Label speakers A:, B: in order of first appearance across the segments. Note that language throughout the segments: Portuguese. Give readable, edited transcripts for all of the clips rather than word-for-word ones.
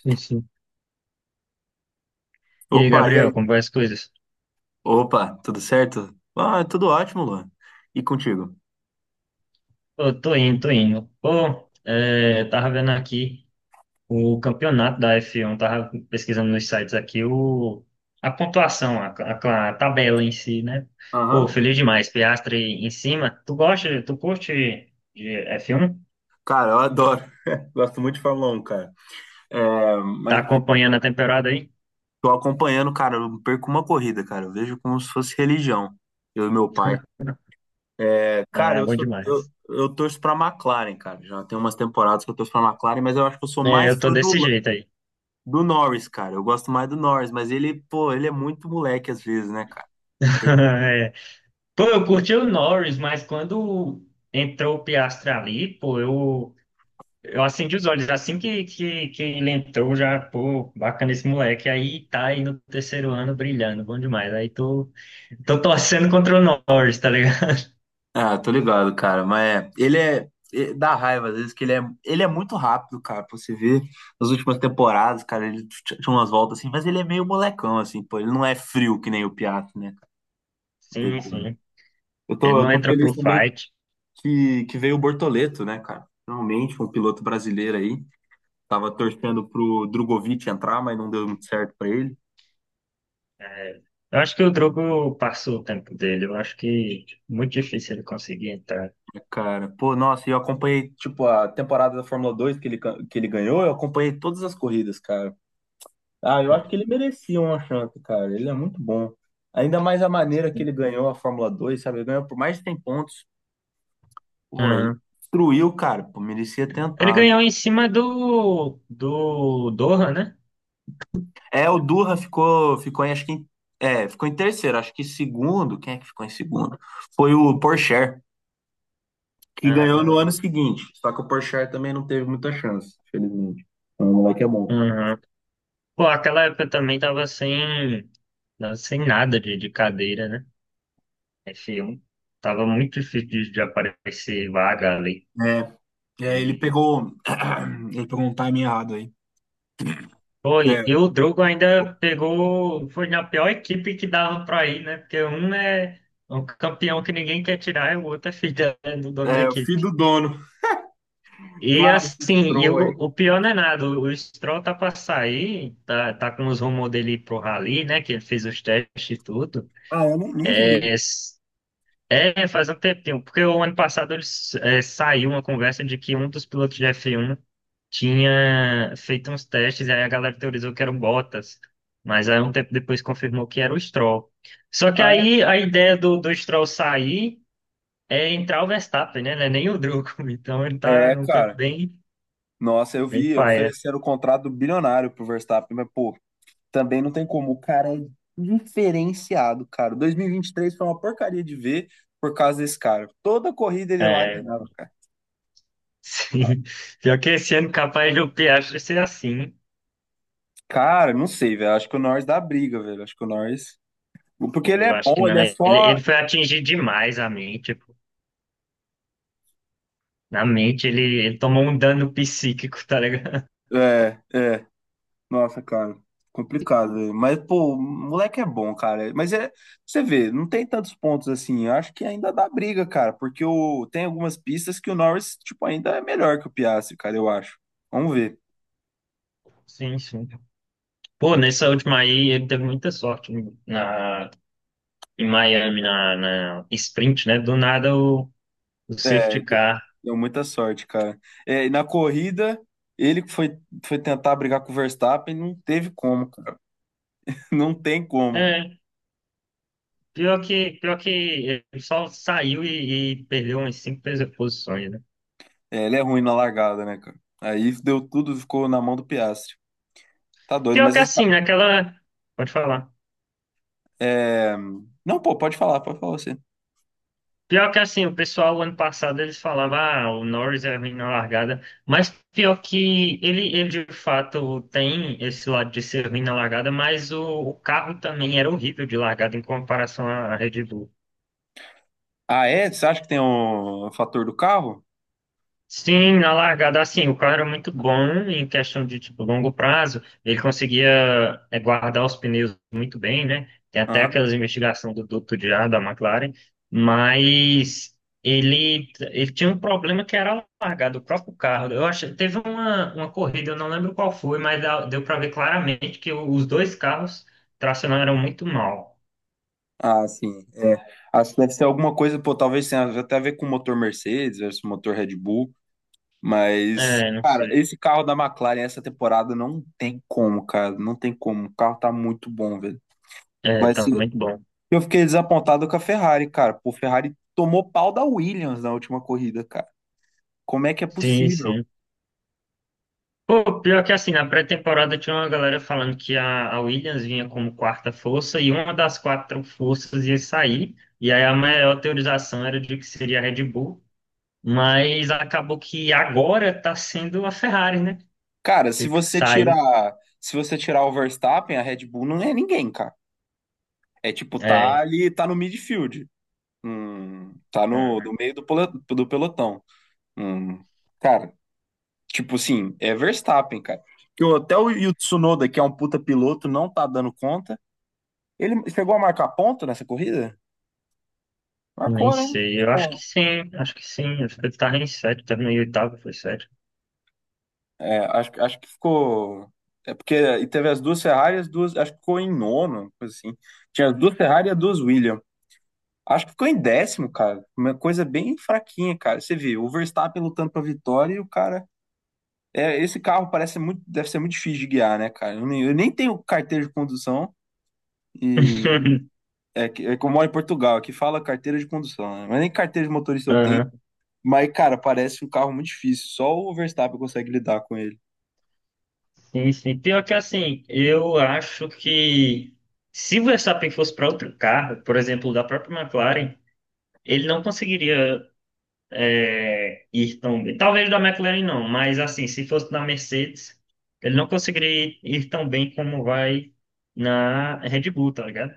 A: Sim, sim. E aí,
B: Opa, e aí?
A: Gabriel, como vai as coisas?
B: Opa, tudo certo? Ah, tudo ótimo, Luan. E contigo?
A: Pô, tô indo, tô indo. Pô, é, tava vendo aqui o campeonato da F1, tava pesquisando nos sites aqui a pontuação, a tabela em si, né? Pô,
B: Aham.
A: feliz demais, Piastri em cima. Tu curte de F1?
B: Cara, eu adoro. Gosto muito de Fórmula 1, cara. É,
A: Tá
B: mas
A: acompanhando a temporada aí?
B: tô acompanhando, cara. Eu não perco uma corrida, cara. Eu vejo como se fosse religião. Eu e meu pai. É,
A: Ah,
B: cara,
A: é
B: eu
A: bom
B: sou, eu,
A: demais.
B: eu torço pra McLaren, cara. Já tem umas temporadas que eu torço pra McLaren, mas eu acho que eu sou
A: É, eu
B: mais
A: tô
B: fã
A: desse
B: do,
A: jeito aí.
B: do Norris, cara. Eu gosto mais do Norris, mas ele, pô, ele é muito moleque às vezes, né, cara?
A: É. Pô, eu curti o Norris, mas quando entrou o Piastri ali, pô, eu acendi os olhos. Assim que ele entrou, já, pô, bacana esse moleque. Aí tá aí no terceiro ano brilhando, bom demais. Aí tô torcendo contra o Norris, tá ligado?
B: Ah, tô ligado, cara. Mas é, dá raiva às vezes que ele é muito rápido, cara. Pra você ver nas últimas temporadas, cara, ele tinha umas voltas assim, mas ele é meio molecão assim, pô. Ele não é frio que nem o Piatti, né, cara? Não tem
A: Sim,
B: como.
A: sim.
B: Eu
A: Ele
B: tô,
A: não
B: eu tô
A: entra
B: feliz
A: pro
B: também
A: fight.
B: que veio o Bortoleto, né, cara? Finalmente, um piloto brasileiro aí. Tava torcendo pro Drogovic entrar, mas não deu muito certo pra ele.
A: Eu acho que o Drogo passou o tempo dele. Eu acho que muito difícil ele conseguir entrar.
B: É, cara, pô, nossa, eu acompanhei, tipo, a temporada da Fórmula Dois que ele, que ele ganhou, eu acompanhei todas as corridas, cara. Ah, eu acho que ele merecia uma chance, cara. Ele é muito bom. Ainda mais a maneira que ele ganhou a Fórmula 2, sabe? Ele ganhou por mais de 100 pontos. Pô, ele
A: Aham.
B: destruiu, cara. Pô, merecia ter
A: Ele
B: entrado.
A: ganhou em cima do Doha, né?
B: É, o Durra ficou, é, ficou em terceiro. Acho que segundo. Quem é que ficou em segundo? Foi o Porsche, que
A: Ah,
B: ganhou no
A: no.
B: ano seguinte. Só que o Porsche também não teve muita chance, felizmente. Então, o moleque é bom.
A: Aham. Pô, aquela época também tava sem nada de cadeira, né? Esse um tava muito difícil de aparecer vaga ali.
B: É, ele
A: E,
B: pegou, ele pegou um time errado aí.
A: pô, e
B: É,
A: e o Drogo ainda pegou, foi na pior equipe que dava pra ir, né? Porque um é um campeão que ninguém quer tirar e o outro é filho do dono da
B: o filho
A: equipe.
B: do dono.
A: E
B: Cara, esse
A: assim, e o,
B: troll...
A: o pior não é nada, o Stroll tá pra sair, tá com os rumores dele ir pro Rally, né? Que ele fez os testes e tudo.
B: Ah, eu nem vi.
A: É. É, faz um tempinho, porque o ano passado eles saiu uma conversa de que um dos pilotos de F1 tinha feito uns testes, e aí a galera teorizou que eram Bottas, mas aí um tempo depois confirmou que era o Stroll. Só que
B: Ah, é,
A: aí a ideia do Stroll sair é entrar o Verstappen, né? Não é nem o Drugo, então ele tá
B: é,
A: num canto
B: cara.
A: bem,
B: Nossa, eu
A: bem
B: vi,
A: paia.
B: ofereceram o contrato bilionário pro Verstappen, mas, pô, também não tem como. O cara é diferenciado, cara. 2023 foi uma porcaria de ver por causa desse cara. Toda corrida ele lá
A: É,
B: ganhava.
A: sim. Pior que esse ano capaz do Piastri ser assim.
B: Cara, não sei, velho. Acho que o Norris dá briga, velho. Acho que o Norris. Porque ele
A: Eu
B: é
A: acho que
B: bom, ele
A: não.
B: é
A: Ele,
B: só.
A: ele foi atingir demais a mente. Na mente, ele tomou um dano psíquico, tá ligado?
B: É, é. Nossa, cara, complicado, velho. Mas, pô, o moleque é bom, cara. Mas é, você vê, não tem tantos pontos assim. Eu acho que ainda dá briga, cara, porque o, tem algumas pistas que o Norris, tipo, ainda é melhor que o Piastri, cara, eu acho. Vamos ver.
A: Sim, sim. Pô, nessa última aí, ele teve muita sorte na, em Miami, na sprint, né? Do nada, o safety
B: É,
A: car.
B: deu muita sorte, cara. É, e na corrida, ele que foi, foi tentar brigar com o Verstappen, não teve como, cara. Não tem como.
A: É, pior que ele só saiu e perdeu umas cinco posições, né?
B: É, ele é ruim na largada, né, cara? Aí deu tudo, ficou na mão do Piastri. Tá doido,
A: Pior
B: mas
A: que
B: esse
A: assim, naquela. Pode falar.
B: é... Não, pô, pode falar você.
A: Pior que assim, o pessoal ano passado eles falavam, ah, o Norris é ruim na largada, mas pior que ele de fato tem esse lado de ser ruim na largada, mas o carro também era horrível de largada em comparação à Red Bull.
B: Ah, é? Você acha que tem um fator do carro?
A: Sim, na largada, assim, o cara era muito bom em questão de, tipo, longo prazo, ele conseguia guardar os pneus muito bem, né? Tem até
B: Aham.
A: aquelas investigações do duto de ar da McLaren, mas ele tinha um problema que era a largada, o próprio carro. Eu acho, teve uma, corrida, eu não lembro qual foi, mas deu para ver claramente que os dois carros tracionaram muito mal.
B: Ah, sim. É. Acho que deve ser alguma coisa, pô, talvez tenha até a ver com o motor Mercedes versus o motor Red Bull, mas,
A: É, não
B: cara,
A: sei.
B: esse carro da McLaren essa temporada não tem como, cara, não tem como. O carro tá muito bom, velho.
A: É,
B: Vai
A: tá
B: ser...
A: muito bom.
B: Eu fiquei desapontado com a Ferrari, cara. Pô, a Ferrari tomou pau da Williams na última corrida, cara. Como é que é
A: Sim,
B: possível?
A: sim. Pô, pior que assim, na pré-temporada tinha uma galera falando que a Williams vinha como quarta força e uma das quatro forças ia sair. E aí a maior teorização era de que seria a Red Bull, mas acabou que agora tá sendo a Ferrari, né?
B: Cara, se
A: Que
B: você
A: saiu.
B: tirar, se você tirar o Verstappen, a Red Bull não é ninguém, cara. É tipo, tá
A: É,
B: ali, tá no midfield. Tá no,
A: ah,
B: no meio do, do pelotão. Hum, cara, tipo assim, é Verstappen, cara. Que até o, e o Tsunoda, que é um puta piloto, não tá dando conta. Ele chegou a marcar ponto nessa corrida?
A: nem
B: Marcou, né?
A: sei. Eu acho que
B: Bom,
A: sim, acho que sim. Acho que ele tava em sétimo, tava em oitavo, foi sétimo.
B: é, acho, acho que ficou. É porque e teve as duas Ferrari, as duas. Acho que ficou em nono, coisa assim. Tinha as duas Ferrari e as duas Williams. Acho que ficou em décimo, cara. Uma coisa bem fraquinha, cara. Você vê, o Verstappen lutando pra vitória e o cara... É, esse carro parece muito, deve ser muito difícil de guiar, né, cara? Eu nem tenho carteira de condução e é que eu moro em Portugal, aqui fala carteira de condução, né? Mas nem carteira de motorista eu tenho.
A: Aham.
B: Mas, cara, parece um carro muito difícil. Só o Verstappen consegue lidar com ele.
A: Sim, sim. Pior que assim, eu acho que se o Verstappen fosse para outro carro, por exemplo, da própria McLaren. Ele não conseguiria ir tão bem. Talvez da McLaren não, mas assim, se fosse na Mercedes, ele não conseguiria ir tão bem como vai na Red Bull, tá ligado?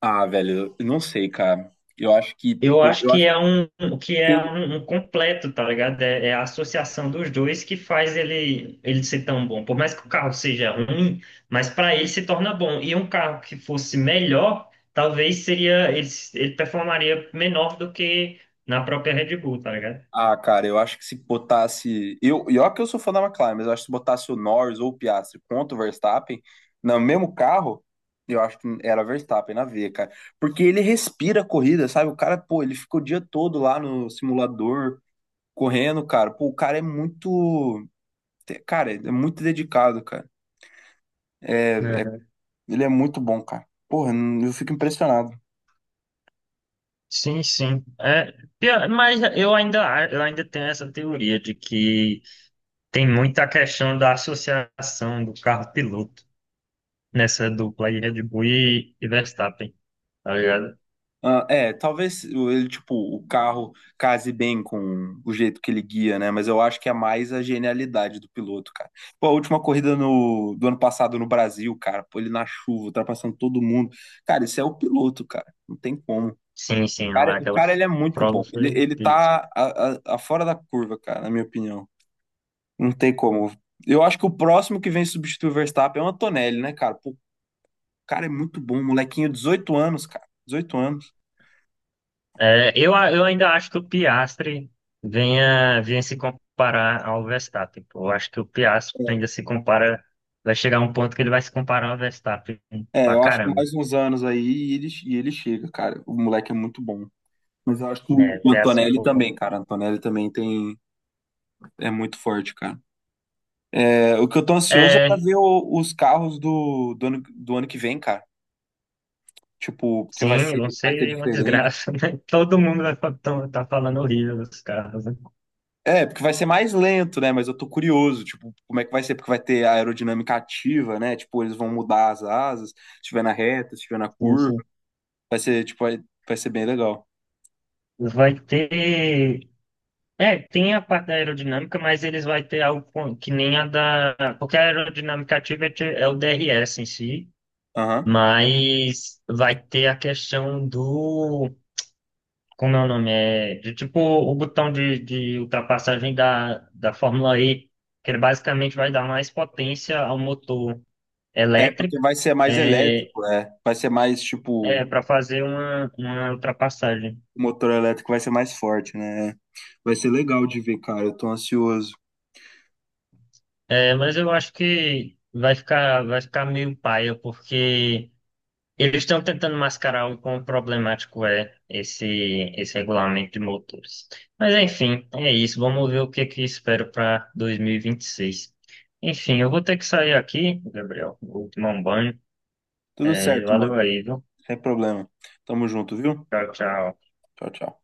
B: Ah, velho, eu não sei, cara. Eu acho que,
A: Eu
B: pô,
A: acho
B: eu
A: que
B: acho
A: é um que é
B: que
A: um completo, tá ligado? É, é a associação dos dois que faz ele ser tão bom. Por mais que o carro seja ruim, mas para ele se torna bom. E um carro que fosse melhor, talvez seria ele performaria menor do que na própria Red Bull, tá ligado?
B: Ah, cara, eu acho que se botasse. Eu, e olha que eu sou fã da McLaren, mas eu acho que se botasse o Norris ou o Piastri contra o Verstappen no mesmo carro, eu acho que era Verstappen na veia, cara. Porque ele respira a corrida, sabe? O cara, pô, ele fica o dia todo lá no simulador correndo, cara. Pô, o cara é muito. Cara, é muito dedicado, cara.
A: É.
B: Ele é muito bom, cara. Porra, eu fico impressionado.
A: Sim, sim. É, mas eu ainda tenho essa teoria de que tem muita questão da associação do carro-piloto nessa dupla aí, Red Bull e Verstappen, tá ligado?
B: Ah, é, talvez ele, tipo, o carro case bem com o jeito que ele guia, né? Mas eu acho que é mais a genialidade do piloto, cara. Pô, a última corrida no, do ano passado no Brasil, cara, pô, ele na chuva, ultrapassando todo mundo. Cara, isso é o piloto, cara. Não tem como.
A: Sim, sim,
B: Cara,
A: lá
B: o
A: aquela
B: cara, ele é muito
A: prova
B: bom. Ele,
A: foi
B: ele
A: isso.
B: tá a fora da curva, cara, na minha opinião. Não tem como. Eu acho que o próximo que vem substituir o Verstappen é o Antonelli, né, cara? Pô, o cara é muito bom, molequinho, 18 anos, cara. Dezoito anos.
A: É, eu ainda acho que o Piastri venha se comparar ao Verstappen. Pô. Eu acho que o Piastri ainda se compara, vai chegar um ponto que ele vai se comparar ao Verstappen
B: É,
A: pra
B: eu acho que
A: caramba.
B: mais uns anos aí e ele chega, cara. O moleque é muito bom. Mas eu acho que o
A: É,
B: o
A: Piastri,
B: Antonelli
A: pô.
B: também, cara. O Antonelli também tem, é muito forte, cara. É, o que eu tô ansioso é pra
A: É,
B: ver os carros do, do ano, do ano que vem, cara. Tipo, porque vai
A: sim,
B: ser,
A: não
B: vai ser
A: sei, é uma
B: diferente.
A: desgraça, né? Todo mundo vai tá falando horrível dos carros, né?
B: É, porque vai ser mais lento, né? Mas eu tô curioso, tipo, como é que vai ser? Porque vai ter a aerodinâmica ativa, né? Tipo, eles vão mudar as asas, se estiver na reta, se estiver na curva.
A: Isso.
B: Vai ser, tipo, vai ser bem legal.
A: Vai ter. É, tem a parte da aerodinâmica, mas eles vão ter algo que nem a da. Porque a aerodinâmica ativa é o DRS em si,
B: Aham.
A: mas vai ter a questão do. Como é o nome? É, de, tipo o botão de ultrapassagem da Fórmula E, que ele basicamente vai dar mais potência ao motor
B: É, porque
A: elétrico.
B: vai ser mais
A: É.
B: elétrico, é. Vai ser mais,
A: É,
B: tipo,
A: para fazer uma, ultrapassagem.
B: o motor elétrico vai ser mais forte, né? Vai ser legal de ver, cara. Eu tô ansioso.
A: É, mas eu acho que vai ficar meio paia, porque eles estão tentando mascarar o quão problemático é esse regulamento de motores. Mas enfim, é isso. Vamos ver o que que espero para dois mil e vinte e seis. Enfim, eu vou ter que sair aqui, Gabriel. Vou tomar um banho.
B: Tudo
A: É,
B: certo,
A: valeu
B: mano.
A: aí, viu?
B: Sem problema. Tamo junto, viu?
A: Tchau, tchau.
B: Tchau, tchau.